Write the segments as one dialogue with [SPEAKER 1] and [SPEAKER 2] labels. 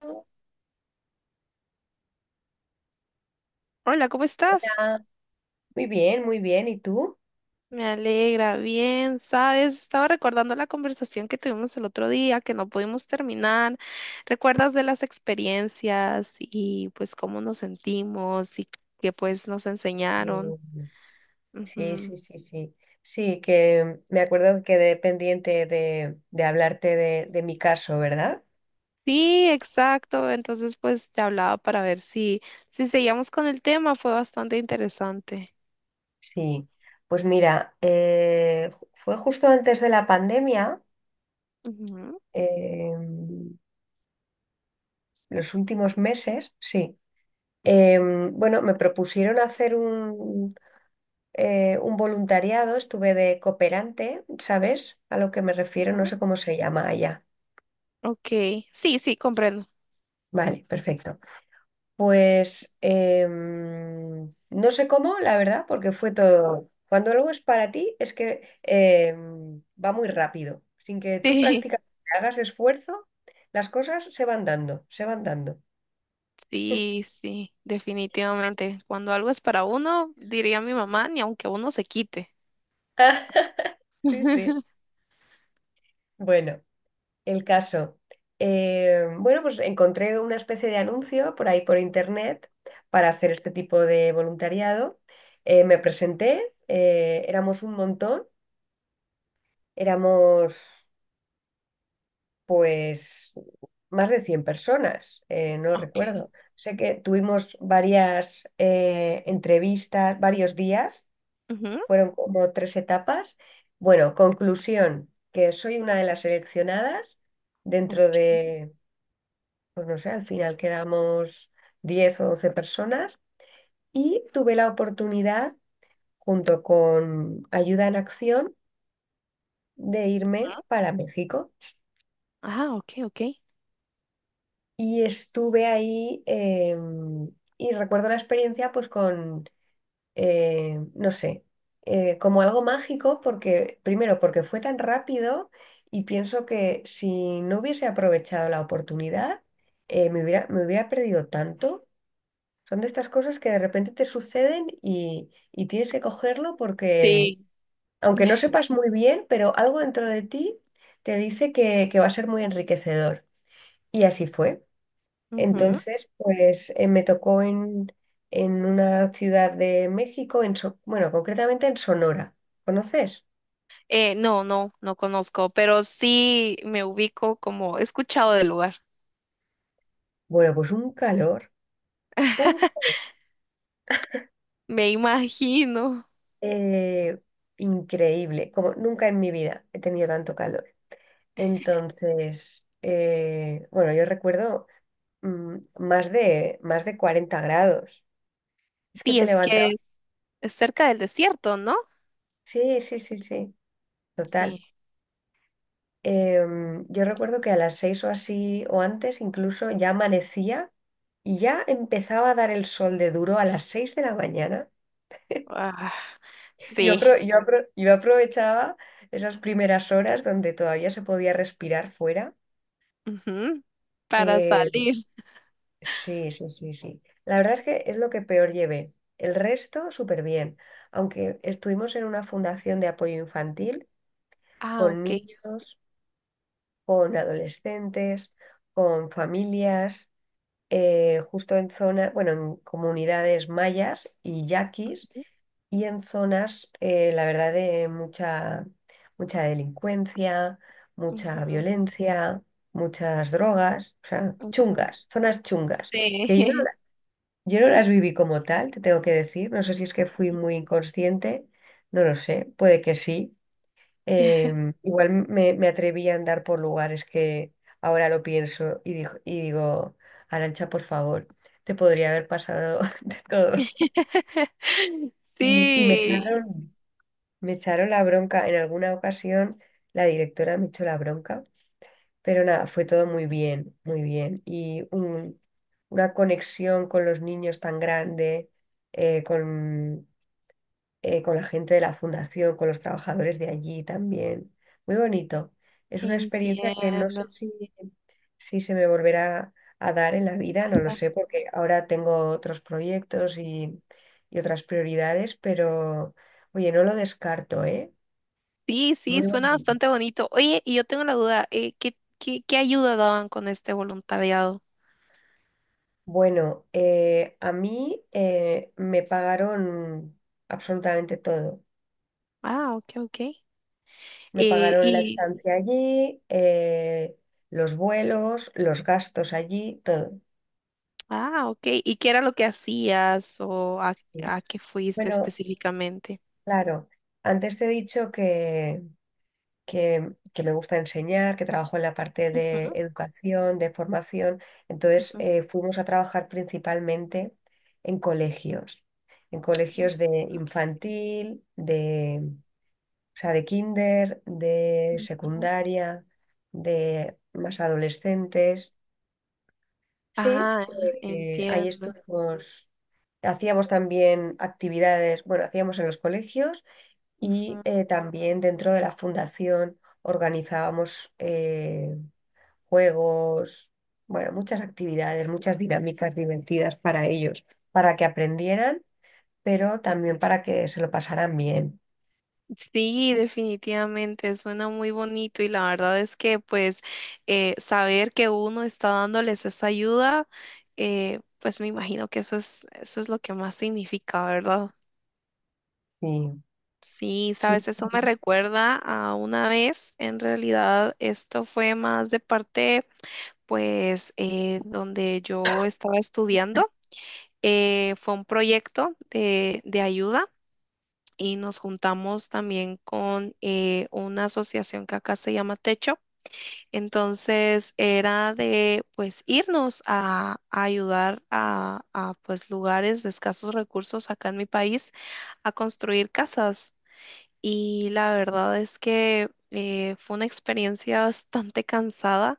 [SPEAKER 1] Hola.
[SPEAKER 2] Hola, ¿cómo estás?
[SPEAKER 1] Muy bien, muy bien. ¿Y tú?
[SPEAKER 2] Me alegra, bien, sabes, estaba recordando la conversación que tuvimos el otro día, que no pudimos terminar. ¿Recuerdas de las experiencias y pues cómo nos sentimos y qué pues nos enseñaron?
[SPEAKER 1] Eh, Sí,
[SPEAKER 2] Ujú.
[SPEAKER 1] sí, sí, sí. Sí, que me acuerdo que quedé pendiente de hablarte de mi caso, ¿verdad?
[SPEAKER 2] Sí, exacto. Entonces pues te hablaba para ver si seguíamos con el tema, fue bastante interesante.
[SPEAKER 1] Sí. Pues mira, fue justo antes de la pandemia,
[SPEAKER 2] Ujú.
[SPEAKER 1] eh, los últimos meses, sí. Bueno, me propusieron hacer un voluntariado, estuve de cooperante, ¿sabes? A lo que me refiero, no
[SPEAKER 2] Ujú.
[SPEAKER 1] sé cómo se llama allá.
[SPEAKER 2] Ok, sí, sí, comprendo.
[SPEAKER 1] Vale, perfecto. Pues no sé cómo, la verdad, porque fue todo. Cuando algo es para ti, es que va muy rápido. Sin que tú
[SPEAKER 2] Sí.
[SPEAKER 1] prácticamente hagas esfuerzo, las cosas se van dando, se van dando.
[SPEAKER 2] Sí, sí, definitivamente. Cuando algo es para uno, diría mi mamá, ni aunque uno se quite.
[SPEAKER 1] Sí, sí. Bueno, el caso. Bueno, pues encontré una especie de anuncio por ahí por internet para hacer este tipo de voluntariado. Me presenté, éramos un montón, éramos pues más de 100 personas, no
[SPEAKER 2] Ok,
[SPEAKER 1] recuerdo. Sé que tuvimos varias entrevistas, varios días,
[SPEAKER 2] Ujú.
[SPEAKER 1] fueron como tres etapas. Bueno, conclusión, que soy una de las seleccionadas dentro
[SPEAKER 2] Ok.
[SPEAKER 1] de, pues no sé, al final quedamos 10 o 12 personas y tuve la oportunidad, junto con Ayuda en Acción, de irme para México.
[SPEAKER 2] Ah, ok, ok.
[SPEAKER 1] Y estuve ahí y recuerdo la experiencia pues con no sé, como algo mágico porque, primero, porque fue tan rápido y pienso que si no hubiese aprovechado la oportunidad, me hubiera perdido tanto. Son de estas cosas que de repente te suceden y tienes que cogerlo porque,
[SPEAKER 2] Sí.
[SPEAKER 1] aunque no sepas muy bien, pero algo dentro de ti te dice que va a ser muy enriquecedor. Y así fue.
[SPEAKER 2] Ujú.
[SPEAKER 1] Entonces, pues en una ciudad de México, bueno, concretamente en Sonora. ¿Conoces?
[SPEAKER 2] No, no, no conozco, pero sí me ubico como he escuchado del lugar.
[SPEAKER 1] Bueno, pues un calor, un
[SPEAKER 2] Me imagino.
[SPEAKER 1] eh, increíble, como nunca en mi vida he tenido tanto calor. Entonces, bueno, yo recuerdo más de 40 grados. Es que
[SPEAKER 2] Sí,
[SPEAKER 1] te
[SPEAKER 2] es que
[SPEAKER 1] levantaba.
[SPEAKER 2] es, cerca del desierto, ¿no?
[SPEAKER 1] Sí, sí, sí, sí,
[SPEAKER 2] Sí.
[SPEAKER 1] total. Yo recuerdo que a las seis o así o antes incluso ya amanecía. Y ya empezaba a dar el sol de duro a las 6 de la mañana.
[SPEAKER 2] Ah, sí.
[SPEAKER 1] Yo aprovechaba esas primeras horas donde todavía se podía respirar fuera.
[SPEAKER 2] Ujú. Para
[SPEAKER 1] Eh,
[SPEAKER 2] salir.
[SPEAKER 1] sí, sí, sí, sí. La verdad es que es lo que peor llevé. El resto, súper bien. Aunque estuvimos en una fundación de apoyo infantil
[SPEAKER 2] Ah,
[SPEAKER 1] con
[SPEAKER 2] ok.
[SPEAKER 1] niños, con adolescentes, con familias, justo en zona, bueno, en comunidades mayas y yaquis y en zonas, la verdad, de mucha, mucha delincuencia,
[SPEAKER 2] Ujú,
[SPEAKER 1] mucha violencia, muchas drogas, o sea,
[SPEAKER 2] ujú.
[SPEAKER 1] chungas, zonas chungas, que yo, no-
[SPEAKER 2] Sí.
[SPEAKER 1] yo no las viví como tal, te tengo que decir, no sé si es que fui muy inconsciente, no lo sé, puede que sí. Igual me atreví a andar por lugares que ahora lo pienso y, dijo y digo, Arancha, por favor, te podría haber pasado de todo. Y, y me
[SPEAKER 2] Sí,
[SPEAKER 1] echaron, Me echaron la bronca en alguna ocasión, la directora me echó la bronca, pero nada, fue todo muy bien, muy bien. Una conexión con los niños tan grande, eh, con, con la gente de la fundación, con los trabajadores de allí también. Muy bonito. Es una experiencia que no
[SPEAKER 2] entiendo.
[SPEAKER 1] sé si, si se me volverá a dar en la vida, no lo sé, porque ahora tengo otros proyectos y otras prioridades, pero oye, no lo descarto, ¿eh?
[SPEAKER 2] Sí, sí,
[SPEAKER 1] Muy
[SPEAKER 2] suena
[SPEAKER 1] bonito.
[SPEAKER 2] bastante bonito. Oye, y yo tengo la duda, ¿qué ayuda daban con este voluntariado?
[SPEAKER 1] Bueno, a mí me pagaron absolutamente todo.
[SPEAKER 2] Ah, ok, ok.
[SPEAKER 1] Me pagaron la
[SPEAKER 2] Y,
[SPEAKER 1] estancia allí, los vuelos, los gastos allí, todo.
[SPEAKER 2] ah, ok. ¿Y qué era lo que hacías o a,
[SPEAKER 1] Sí.
[SPEAKER 2] a qué fuiste
[SPEAKER 1] Bueno,
[SPEAKER 2] específicamente?
[SPEAKER 1] claro, antes te he dicho que me gusta enseñar, que trabajo en la parte de educación, de formación. Entonces,
[SPEAKER 2] Ujú,
[SPEAKER 1] fuimos a trabajar principalmente en colegios, en
[SPEAKER 2] ujú,
[SPEAKER 1] colegios de infantil. O sea, de kinder, de
[SPEAKER 2] ujú.
[SPEAKER 1] secundaria, de más adolescentes. Sí,
[SPEAKER 2] Ah,
[SPEAKER 1] ahí
[SPEAKER 2] entiendo.
[SPEAKER 1] estuvimos, hacíamos también actividades, bueno, hacíamos en los colegios y también dentro de la fundación organizábamos juegos, bueno, muchas actividades, muchas dinámicas divertidas para ellos, para que aprendieran, pero también para que se lo pasaran bien.
[SPEAKER 2] Sí, definitivamente, suena muy bonito y la verdad es que pues saber que uno está dándoles esa ayuda, pues me imagino que eso es lo que más significa, ¿verdad?
[SPEAKER 1] Sí,
[SPEAKER 2] Sí,
[SPEAKER 1] sí.
[SPEAKER 2] sabes, eso me recuerda a una vez, en realidad esto fue más de parte pues donde yo estaba estudiando, fue un proyecto de ayuda. Y nos juntamos también con una asociación que acá se llama Techo. Entonces era de pues irnos a, ayudar a pues lugares de escasos recursos acá en mi país a construir casas. Y la verdad es que fue una experiencia bastante cansada.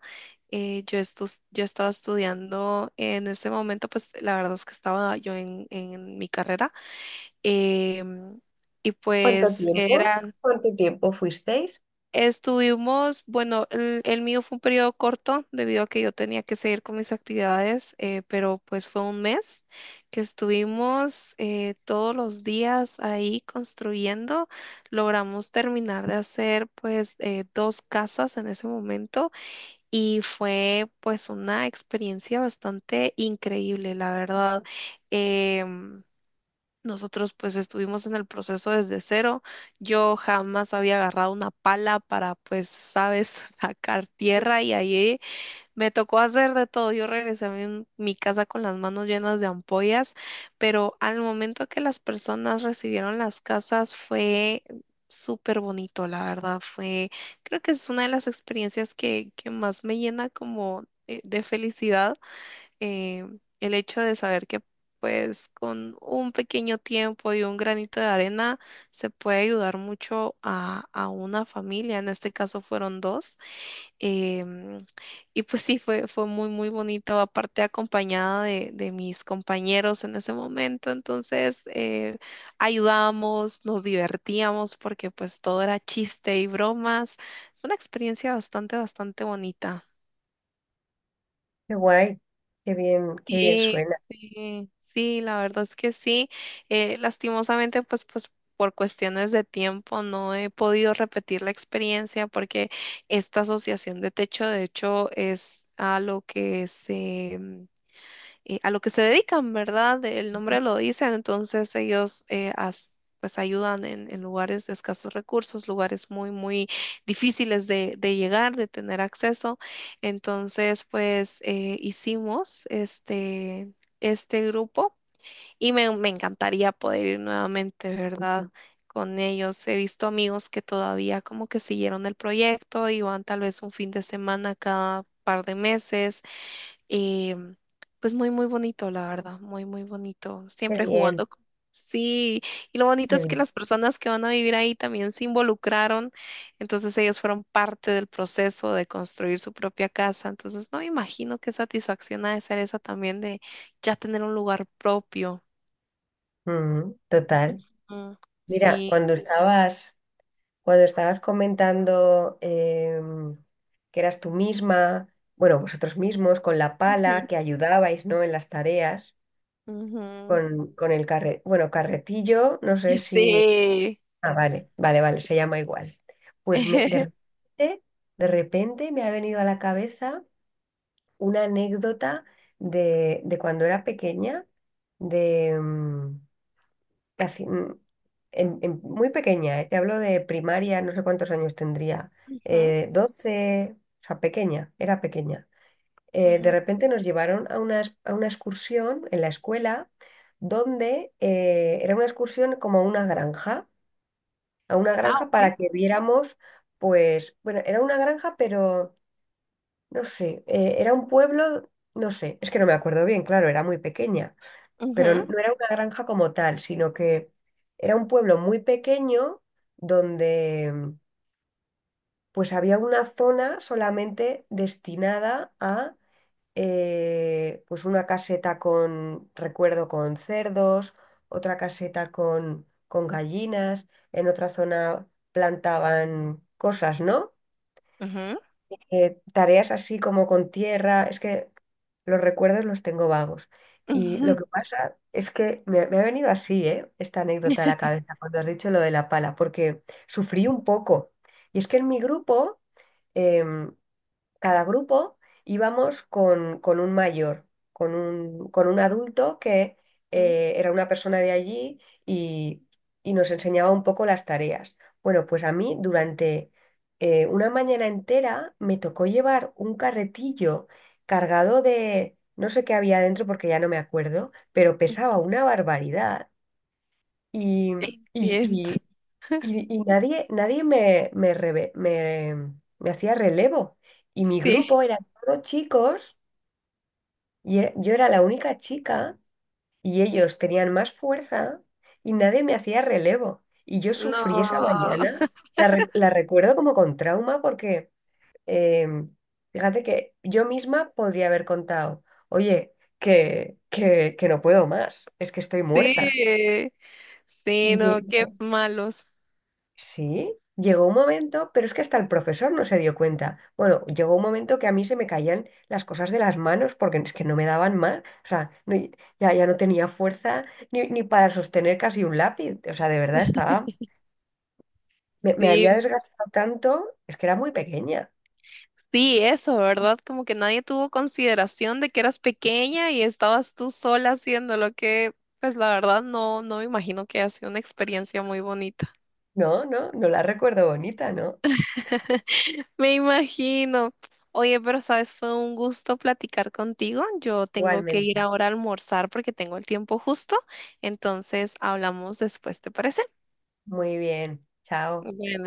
[SPEAKER 2] Yo estaba estudiando en ese momento, pues la verdad es que estaba yo en mi carrera em, y
[SPEAKER 1] ¿Cuánto
[SPEAKER 2] pues
[SPEAKER 1] tiempo?
[SPEAKER 2] eran,
[SPEAKER 1] ¿Cuánto tiempo fuisteis?
[SPEAKER 2] estuvimos, bueno, el mío fue un periodo corto debido a que yo tenía que seguir con mis actividades, pero pues fue un mes que estuvimos todos los días ahí construyendo. Logramos terminar de hacer pues dos casas en ese momento y fue pues una experiencia bastante increíble, la verdad. Em, Nosotros pues estuvimos en el proceso desde cero. Yo jamás había agarrado una pala para pues, sabes, sacar tierra y ahí me tocó hacer de todo. Yo regresé a mi casa con las manos llenas de ampollas, pero al momento que las personas recibieron las casas fue súper bonito, la verdad. Fue, creo que es una de las experiencias que, más me llena como de felicidad eh, el hecho de saber que pues con un pequeño tiempo y un granito de arena se puede ayudar mucho a, una familia, en este caso fueron dos, em, y pues sí, fue muy, muy bonito, aparte acompañada de mis compañeros en ese momento, entonces ayudábamos, nos divertíamos porque pues todo era chiste y bromas, una experiencia bastante, bastante bonita.
[SPEAKER 1] Qué guay, qué bien suena,
[SPEAKER 2] Este, sí, la verdad es que sí. Lastimosamente, pues por cuestiones de tiempo no he podido repetir la experiencia porque esta asociación de techo, de hecho, es a lo que se dedican, ¿verdad? El nombre lo dice, entonces ellos pues ayudan en, lugares de escasos recursos, lugares muy, muy difíciles de llegar, de tener acceso. Entonces, pues hicimos este, grupo y me encantaría poder ir nuevamente, ¿verdad? Con ellos he visto amigos que todavía como que siguieron el proyecto y van tal vez un fin de semana cada par de meses eh, pues muy, muy bonito, la verdad, muy, muy bonito.
[SPEAKER 1] qué
[SPEAKER 2] Siempre
[SPEAKER 1] bien,
[SPEAKER 2] jugando. Sí, y lo bonito
[SPEAKER 1] qué
[SPEAKER 2] es que
[SPEAKER 1] bien.
[SPEAKER 2] las personas que van a vivir ahí también se involucraron, entonces ellos fueron parte del proceso de construir su propia casa, entonces no me imagino qué satisfacción ha de ser esa también de ya tener un lugar propio.
[SPEAKER 1] Mm, total.
[SPEAKER 2] Mm,
[SPEAKER 1] Mira,
[SPEAKER 2] sí.
[SPEAKER 1] cuando estabas comentando que eras tú misma, bueno, vosotros mismos, con la pala, que ayudabais, ¿no? En las tareas,
[SPEAKER 2] Ujú, ujú.
[SPEAKER 1] con el carre, bueno, carretillo, no sé si.
[SPEAKER 2] Sí.
[SPEAKER 1] Ah, vale, vale, vale, se llama igual. De repente, de repente me ha venido a la cabeza una anécdota de cuando era pequeña, de casi, muy pequeña, te hablo de primaria, no sé cuántos años tendría,
[SPEAKER 2] Ujú,
[SPEAKER 1] 12, o sea, pequeña, era pequeña. De
[SPEAKER 2] ujú.
[SPEAKER 1] repente nos llevaron a a una excursión en la escuela donde era una excursión como a una
[SPEAKER 2] Ah,
[SPEAKER 1] granja para
[SPEAKER 2] ok.
[SPEAKER 1] que viéramos, pues, bueno, era una granja, pero no sé, era un pueblo, no sé, es que no me acuerdo bien, claro, era muy pequeña, pero no era una granja como tal, sino que era un pueblo muy pequeño donde pues había una zona solamente destinada a pues una caseta con, recuerdo, con cerdos, otra caseta con gallinas, en otra zona plantaban cosas, ¿no?
[SPEAKER 2] Ujú, ujú,
[SPEAKER 1] Tareas así como con tierra, es que los recuerdos los tengo vagos. Y lo
[SPEAKER 2] ujú.
[SPEAKER 1] que pasa es que me ha venido así, ¿eh? Esta anécdota a la cabeza cuando has dicho lo de la pala, porque sufrí un poco. Y es que en mi grupo, em, cada grupo íbamos con un mayor, con un adulto que era una persona de allí y, y nos enseñaba un poco las tareas. Bueno, pues a mí durante una mañana entera me tocó llevar un carretillo cargado de, no sé qué había dentro porque ya no me acuerdo, pero pesaba una barbaridad. Y, y,
[SPEAKER 2] Entiendo.
[SPEAKER 1] y, y nadie, me hacía relevo. Y mi
[SPEAKER 2] Sí,
[SPEAKER 1] grupo eran todos chicos, yo era la única chica, y ellos tenían más fuerza, y nadie me hacía relevo. Y yo
[SPEAKER 2] no,
[SPEAKER 1] sufrí esa mañana, la recuerdo como con trauma, porque em, fíjate que yo misma podría haber contado, oye, que no puedo más, es que estoy
[SPEAKER 2] sí,
[SPEAKER 1] muerta.
[SPEAKER 2] sí, no, qué malos.
[SPEAKER 1] Sí, llegó un momento, pero es que hasta el profesor no se dio cuenta. Bueno, llegó un momento que a mí se me caían las cosas de las manos porque es que no me daban más. O sea, no- ya, ya no tenía fuerza ni para sostener casi un lápiz. O sea, de verdad estaba... Me
[SPEAKER 2] Sí,
[SPEAKER 1] había desgastado tanto, es que era muy pequeña.
[SPEAKER 2] sí, eso, ¿verdad? Como que nadie tuvo consideración de que eras pequeña y estabas tú sola haciendo lo que, pues la verdad no, no me imagino que ha sido una experiencia muy bonita.
[SPEAKER 1] No, no, no la recuerdo bonita, ¿no?
[SPEAKER 2] Me imagino. Oye, pero sabes, fue un gusto platicar contigo. Yo tengo que ir
[SPEAKER 1] Igualmente.
[SPEAKER 2] ahora a almorzar porque tengo el tiempo justo. Entonces, hablamos después, ¿te parece?
[SPEAKER 1] Muy bien. Chao.
[SPEAKER 2] Bueno.